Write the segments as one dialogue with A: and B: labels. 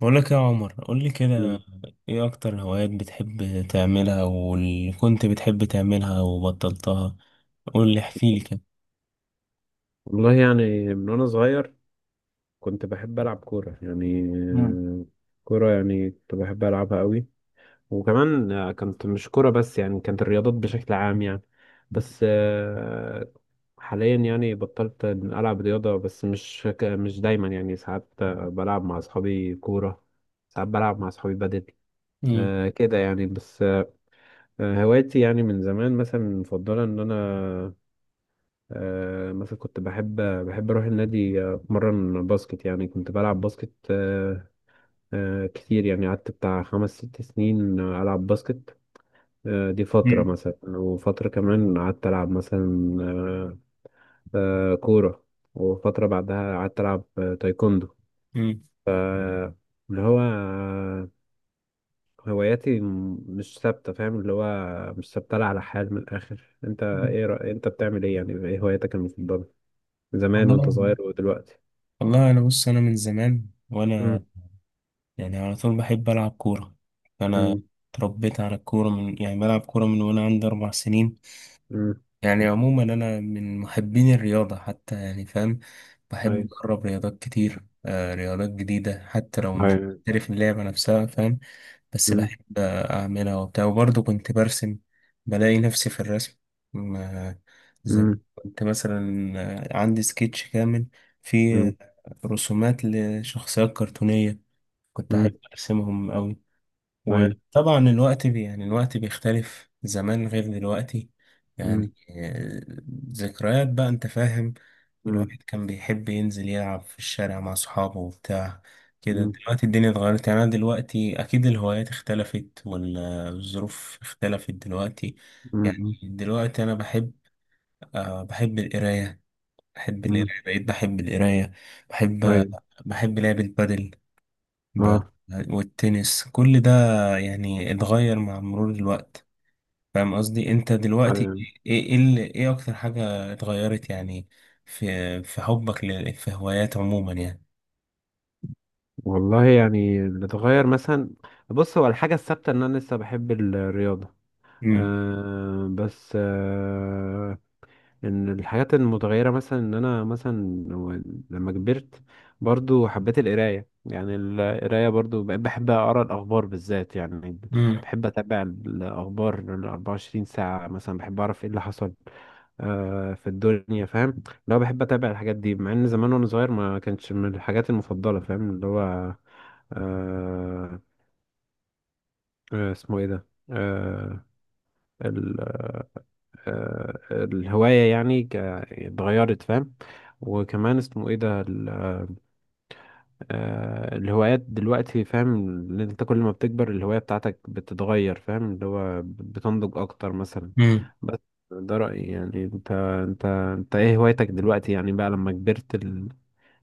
A: بقول لك يا عمر، قول لي كده.
B: مم.
A: ايه اكتر هوايات بتحب تعملها واللي كنت بتحب تعملها وبطلتها؟ قول لي، احكي لي كده.
B: والله يعني من وانا صغير كنت بحب العب كوره
A: مم.
B: كوره يعني كنت بحب العبها قوي. وكمان كانت مش كوره بس، يعني كانت الرياضات بشكل عام يعني. بس آه، حاليا يعني بطلت العب رياضه، بس مش دايما، يعني ساعات بلعب مع اصحابي كوره، ساعات بلعب مع اصحابي بدل.
A: مم.
B: كده يعني. بس آه، هوايتي يعني من زمان مثلا مفضله ان انا مثلا كنت بحب أروح النادي، أتمرن باسكت، يعني كنت بلعب باسكت. كتير يعني قعدت بتاع 5 6 سنين ألعب باسكت. دي فترة
A: مم.
B: مثلا، وفترة كمان قعدت ألعب مثلا كورة، وفترة بعدها قعدت ألعب تايكوندو.
A: مم.
B: اللي هو هواياتي مش ثابتة، فاهم؟ اللي هو مش ثابتة لا على حال. من الآخر، أنت
A: مم.
B: إيه أنت بتعمل إيه؟ يعني إيه هواياتك المفضلة زمان وأنت
A: والله
B: صغير ودلوقتي؟
A: والله انا بص، انا من زمان وانا
B: مم.
A: يعني على طول بحب العب كوره. انا
B: مم.
A: اتربيت على الكوره، من يعني بلعب كوره من وانا عندي 4 سنين.
B: مم.
A: يعني عموما أنا من محبين الرياضة حتى، يعني فاهم. بحب
B: أيوة.
A: أجرب رياضات كتير، آه رياضات جديدة، حتى لو مش
B: أيوة.
A: محترف اللعبة نفسها، فاهم. بس
B: مم.
A: بحب أعملها وبتاع، وبرضه كنت برسم، بلاقي نفسي في الرسم. م- آه، زمان
B: مم.
A: كنت مثلا عندي سكتش كامل فيه
B: مم.
A: رسومات لشخصيات كرتونية، كنت أحب
B: مم.
A: أرسمهم أوي.
B: أيوة.
A: وطبعا الوقت بي يعني الوقت بيختلف، زمان غير دلوقتي. يعني
B: مم.
A: ذكريات بقى، انت فاهم.
B: مم.
A: الواحد كان بيحب ينزل يلعب في الشارع مع صحابه وبتاع كده.
B: مم.
A: دلوقتي الدنيا اتغيرت، يعني انا دلوقتي اكيد الهوايات اختلفت والظروف اختلفت دلوقتي. يعني
B: مم.
A: دلوقتي انا بحب، أه بحب القراية.
B: مم.
A: بقيت بحب القراية. بحب،
B: أيوة.
A: بحب لعب البادل. ب-
B: أه.
A: والتنس، كل ده يعني اتغير مع مرور الوقت. فاهم قصدي؟ انت دلوقتي
B: أيوة.
A: ايه، ايه اكتر حاجة اتغيرت يعني في حبك في هوايات عموما يعني؟
B: والله يعني اللي اتغير مثلا، بص، هو الحاجة الثابتة إن أنا لسه بحب الرياضة.
A: امم
B: أه بس ان الحاجات المتغيره مثلا ان انا لما كبرت، برضو حبيت القرايه. يعني القرايه برضو بقيت بحب اقرا الاخبار بالذات، يعني
A: امم
B: بحب اتابع الاخبار ال 24 ساعه مثلا، بحب اعرف ايه اللي حصل في الدنيا، فاهم؟ لو بحب اتابع الحاجات دي، مع ان زمان وانا صغير ما كانتش من الحاجات المفضله، فاهم؟ اللي هو آه، اسمه ايه ده؟ الهواية يعني اتغيرت، فاهم؟ وكمان اسمه ايه ده الهوايات دلوقتي، فاهم؟ ان انت كل ما بتكبر الهواية بتاعتك بتتغير، فاهم؟ اللي هو بتنضج اكتر مثلا.
A: امم
B: بس ده رأيي يعني. انت ايه هوايتك دلوقتي يعني، بقى لما كبرت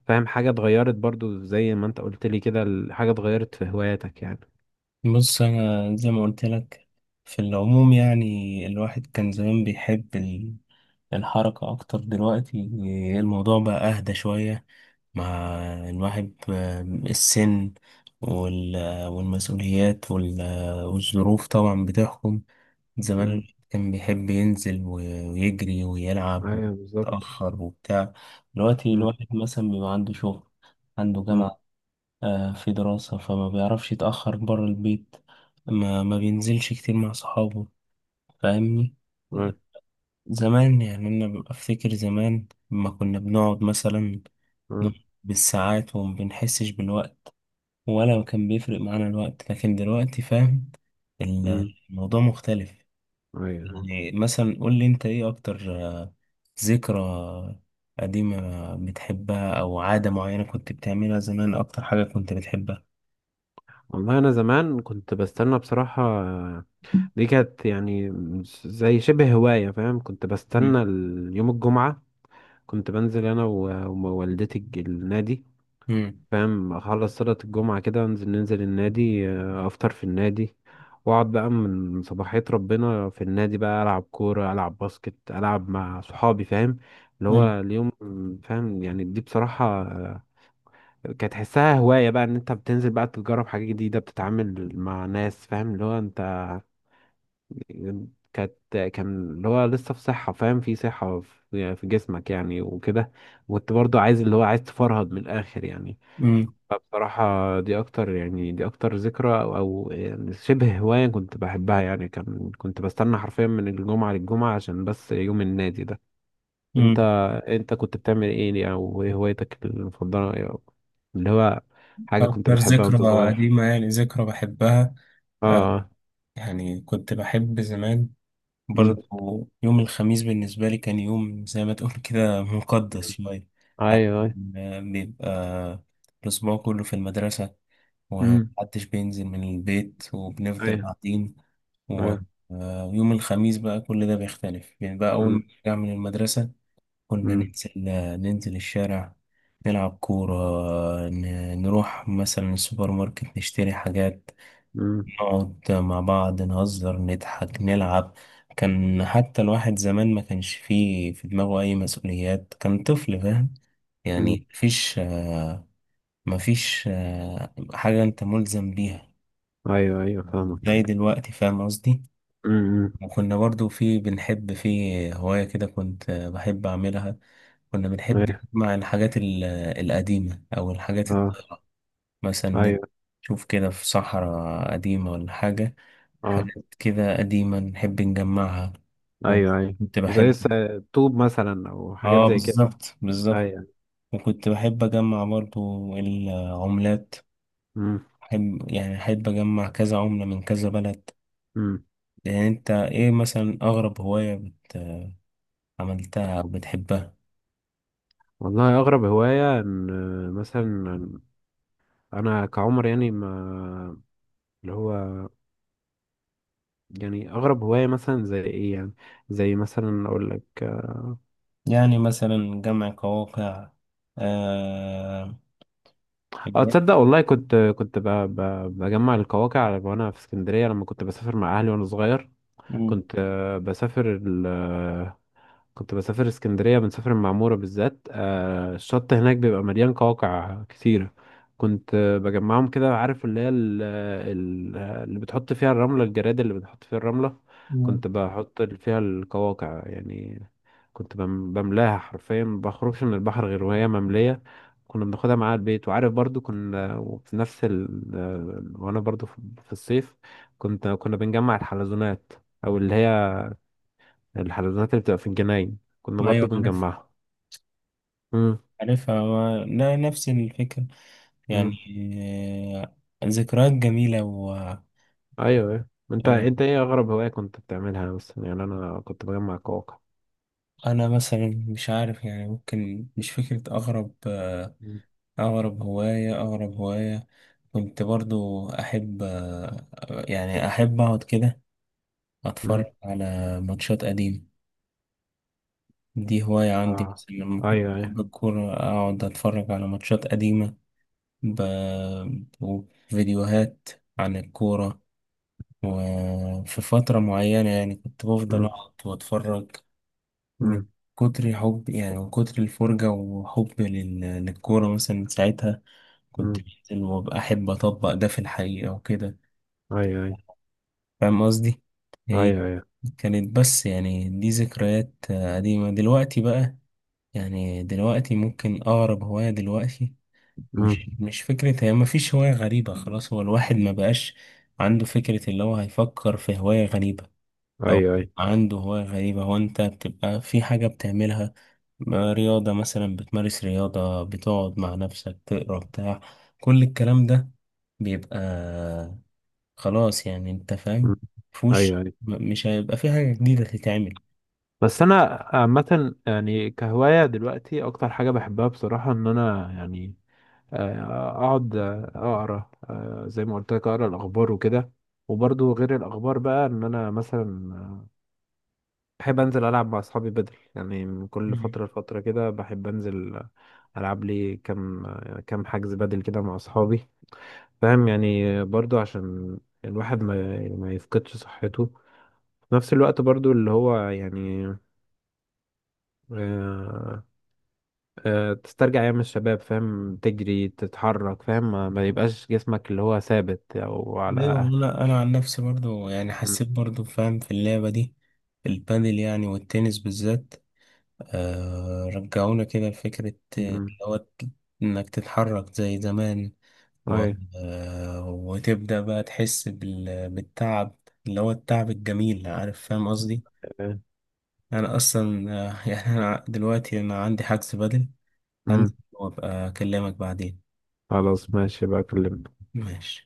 B: فاهم حاجة اتغيرت؟ برضو زي ما انت قلت لي كده حاجة اتغيرت في هواياتك يعني.
A: بص انا زي ما قلت لك، في العموم يعني الواحد كان زمان بيحب الحركة أكتر. دلوقتي الموضوع بقى أهدى شوية، مع الواحد السن والمسؤوليات والظروف طبعا بتحكم. زمان
B: امم.
A: الواحد كان بيحب ينزل ويجري ويلعب
B: ايوه بالظبط.
A: ويتأخر وبتاع. دلوقتي
B: امم.
A: الواحد مثلا بيبقى عنده شغل، عنده
B: امم.
A: جامعة، في دراسة، فما بيعرفش يتأخر برا البيت، ما بينزلش كتير مع صحابه. فاهمني؟
B: ايوه.
A: زمان يعني أنا ببقى أفتكر زمان لما كنا بنقعد مثلا، نقعد بالساعات وما بنحسش بالوقت، ولا كان بيفرق معانا الوقت. لكن دلوقتي فاهم،
B: امم.
A: الموضوع مختلف.
B: ايوه.
A: يعني مثلا قول لي أنت، إيه أكتر ذكرى قديمة بتحبها، أو عادة معينة كنت بتعملها زمان، أكتر حاجة كنت بتحبها؟
B: والله انا زمان كنت بستنى بصراحة، دي كانت يعني زي شبه هواية، فاهم؟ كنت
A: مم.
B: بستنى يوم الجمعة. كنت بنزل انا و- ووالدتي النادي،
A: مم.
B: فاهم؟ اخلص صلاة الجمعة كده انزل، ننزل النادي، افطر في النادي، واقعد بقى من صباحية ربنا في النادي، بقى العب كورة، العب باسكت، العب مع صحابي، فاهم؟ اللي
A: مم.
B: هو اليوم، فاهم؟ يعني دي بصراحة كانت تحسها هواية بقى، ان انت بتنزل بقى تجرب حاجة جديدة، بتتعامل مع ناس، فاهم؟ اللي هو انت كانت كان اللي هو لسه في صحة، فاهم؟ في صحة في يعني في جسمك يعني وكده، وانت برضو عايز اللي هو عايز تفرهد من الآخر يعني.
A: مم.
B: فبصراحة دي أكتر يعني، دي أكتر ذكرى أو أو يعني شبه هواية كنت بحبها، يعني كان كنت بستنى حرفيا من الجمعة للجمعة عشان بس يوم النادي ده. انت
A: مم.
B: انت كنت بتعمل ايه، او ايه هوايتك المفضله ايه، أو اللي هو حاجه كنت
A: أكتر
B: بتحبها
A: ذكرى
B: وانت صغير؟
A: قديمة يعني، ذكرى بحبها، آه،
B: اه. اه.
A: يعني كنت بحب زمان برضه
B: امم.
A: يوم الخميس. بالنسبة لي كان يوم زي ما تقول كده مقدس شوية، عشان
B: ايوه ايوه.
A: بيبقى الأسبوع كله في المدرسة
B: امم.
A: ومحدش بينزل من البيت وبنفضل
B: ايوه
A: قاعدين.
B: ايوه.
A: ويوم الخميس بقى كل ده بيختلف، يعني بقى أول ما
B: امم.
A: نرجع من المدرسة، كنا
B: امم.
A: ننزل، ننزل الشارع، نلعب كورة، نروح مثلا السوبر ماركت نشتري حاجات،
B: امم.
A: نقعد مع بعض نهزر نضحك نلعب. كان حتى الواحد زمان ما كانش فيه في دماغه أي مسؤوليات، كان طفل فاهم.
B: امم.
A: يعني مفيش مفيش حاجة أنت ملزم بيها
B: ايوه ايوه فاهمك.
A: زي دلوقتي، فاهم قصدي.
B: امم.
A: وكنا برضو في، بنحب في هواية كده كنت بحب أعملها، كنا بنحب
B: ايوه.
A: نجمع الحاجات القديمة، أو الحاجات
B: اه.
A: مثلا،
B: ايوه.
A: نشوف كده في صحراء قديمة ولا حاجة،
B: اه.
A: حاجات كده قديمة نحب نجمعها.
B: ايوه ايوه.
A: وكنت
B: زي
A: بحب،
B: الطوب مثلا او حاجات
A: اه
B: زي كده.
A: بالظبط بالظبط.
B: ايوه.
A: وكنت بحب أجمع برضو العملات،
B: امم.
A: أحب يعني أحب أجمع كذا عملة من كذا بلد.
B: امم.
A: يعني أنت إيه مثلا أغرب هواية بت... عملتها أو بتحبها؟
B: والله اغرب هوايه ان مثلا انا كعمر يعني ما اللي هو، يعني اغرب هوايه مثلا زي ايه يعني؟ زي مثلا اقول لك.
A: يعني مثلا جمع قواقع آه...
B: اه، تصدق والله كنت بجمع القواقع وانا في اسكندريه لما كنت بسافر مع اهلي وانا صغير.
A: مم.
B: كنت بسافر، كنت بسافر اسكندرية، بنسافر المعمورة بالذات. آه الشط هناك بيبقى مليان قواقع كتيرة، كنت بجمعهم كده. عارف اللي هي اللي بتحط فيها الرملة، الجراد اللي بتحط فيها الرملة،
A: مم.
B: كنت بحط فيها القواقع يعني. كنت بملاها حرفيا، ما بخرجش من البحر غير وهي مملية، كنا بناخدها معاها البيت. وعارف برضو كنا وفي نفس ال وانا برضو في في الصيف كنا بنجمع الحلزونات، او اللي هي الحلزونات اللي بتبقى في الجناين كنا برضو
A: أيوة عارف،
B: بنجمعها. امم.
A: عارفها ما... لا، نفس الفكرة يعني.
B: امم.
A: ذكريات جميلة. و
B: ايوه ايوه، انت ايه اغرب هواية كنت بتعملها؟ بس يعني انا كنت بجمع كواكب.
A: أنا مثلا مش عارف يعني، ممكن مش فكرة أغرب
B: مم.
A: أغرب هواية. أغرب هواية كنت برضو أحب يعني أحب أقعد كده أتفرج
B: مم.
A: على ماتشات قديمة. دي هواية عندي
B: اه.
A: مثلا، لما كنت
B: ايوه ايوه.
A: بحب الكورة أقعد أتفرج على ماتشات قديمة، ب... وفيديوهات عن الكورة. وفي فترة معينة يعني كنت بفضل
B: مم.
A: أقعد وأتفرج، من
B: مم.
A: كتر حب يعني، من كتر الفرجة وحب للكورة. مثلا من ساعتها كنت
B: مم.
A: بنزل وأبقى أحب أطبق ده في الحقيقة وكده.
B: ايوه ايوه.
A: فاهم قصدي؟ هي
B: ايوه ايوه.
A: كانت بس، يعني دي ذكريات قديمة. دلوقتي بقى يعني، دلوقتي ممكن أقرب هواية دلوقتي،
B: مم.
A: مش فكرة، هي مفيش هواية غريبة خلاص. هو الواحد ما بقاش عنده فكرة اللي هو هيفكر في هواية غريبة، أو
B: ايوه ايوه.
A: عنده هواية غريبة. هو أنت بتبقى في حاجة بتعملها، ما رياضة مثلا بتمارس رياضة، بتقعد مع نفسك تقرا بتاع، كل الكلام ده بيبقى خلاص يعني، أنت
B: مم.
A: فاهم،
B: ايوه
A: مفهوش،
B: ايوه.
A: مش هيبقى في حاجة جديدة تتعمل.
B: بس انا عامة يعني كهواية دلوقتي اكتر حاجة بحبها بصراحة ان انا يعني اقعد اقرا، زي ما قلت لك، اقرا الاخبار وكده. وبرضو غير الاخبار بقى ان انا مثلا بحب انزل العب مع اصحابي بدل، يعني من كل
A: مم.
B: فتره لفتره كده بحب انزل العب لي كام حجز بدل كده مع اصحابي، فاهم؟ يعني برضو عشان الواحد ما يفقدش صحته، في نفس الوقت برضو اللي هو يعني آه، تسترجع ايام الشباب، فاهم؟ تجري تتحرك، فاهم؟ ما يبقاش جسمك اللي هو ثابت او
A: ايوه،
B: على.
A: انا انا عن نفسي برضو يعني
B: مم.
A: حسيت برضو فاهم في اللعبه دي، البادل يعني والتنس بالذات، آه رجعونا كده لفكره آه،
B: مم.
A: اللي هو ت- انك تتحرك زي زمان و...
B: أي.
A: وتبدأ بقى تحس بال... بالتعب، اللي هو التعب الجميل، عارف فاهم قصدي.
B: أي.
A: أنا أصلا يعني أنا دلوقتي أنا عندي حجز بدل، عندي
B: مم.
A: وأبقى أكلمك بعدين.
B: خلاص ماشي بقى أكلمك.
A: ماشي.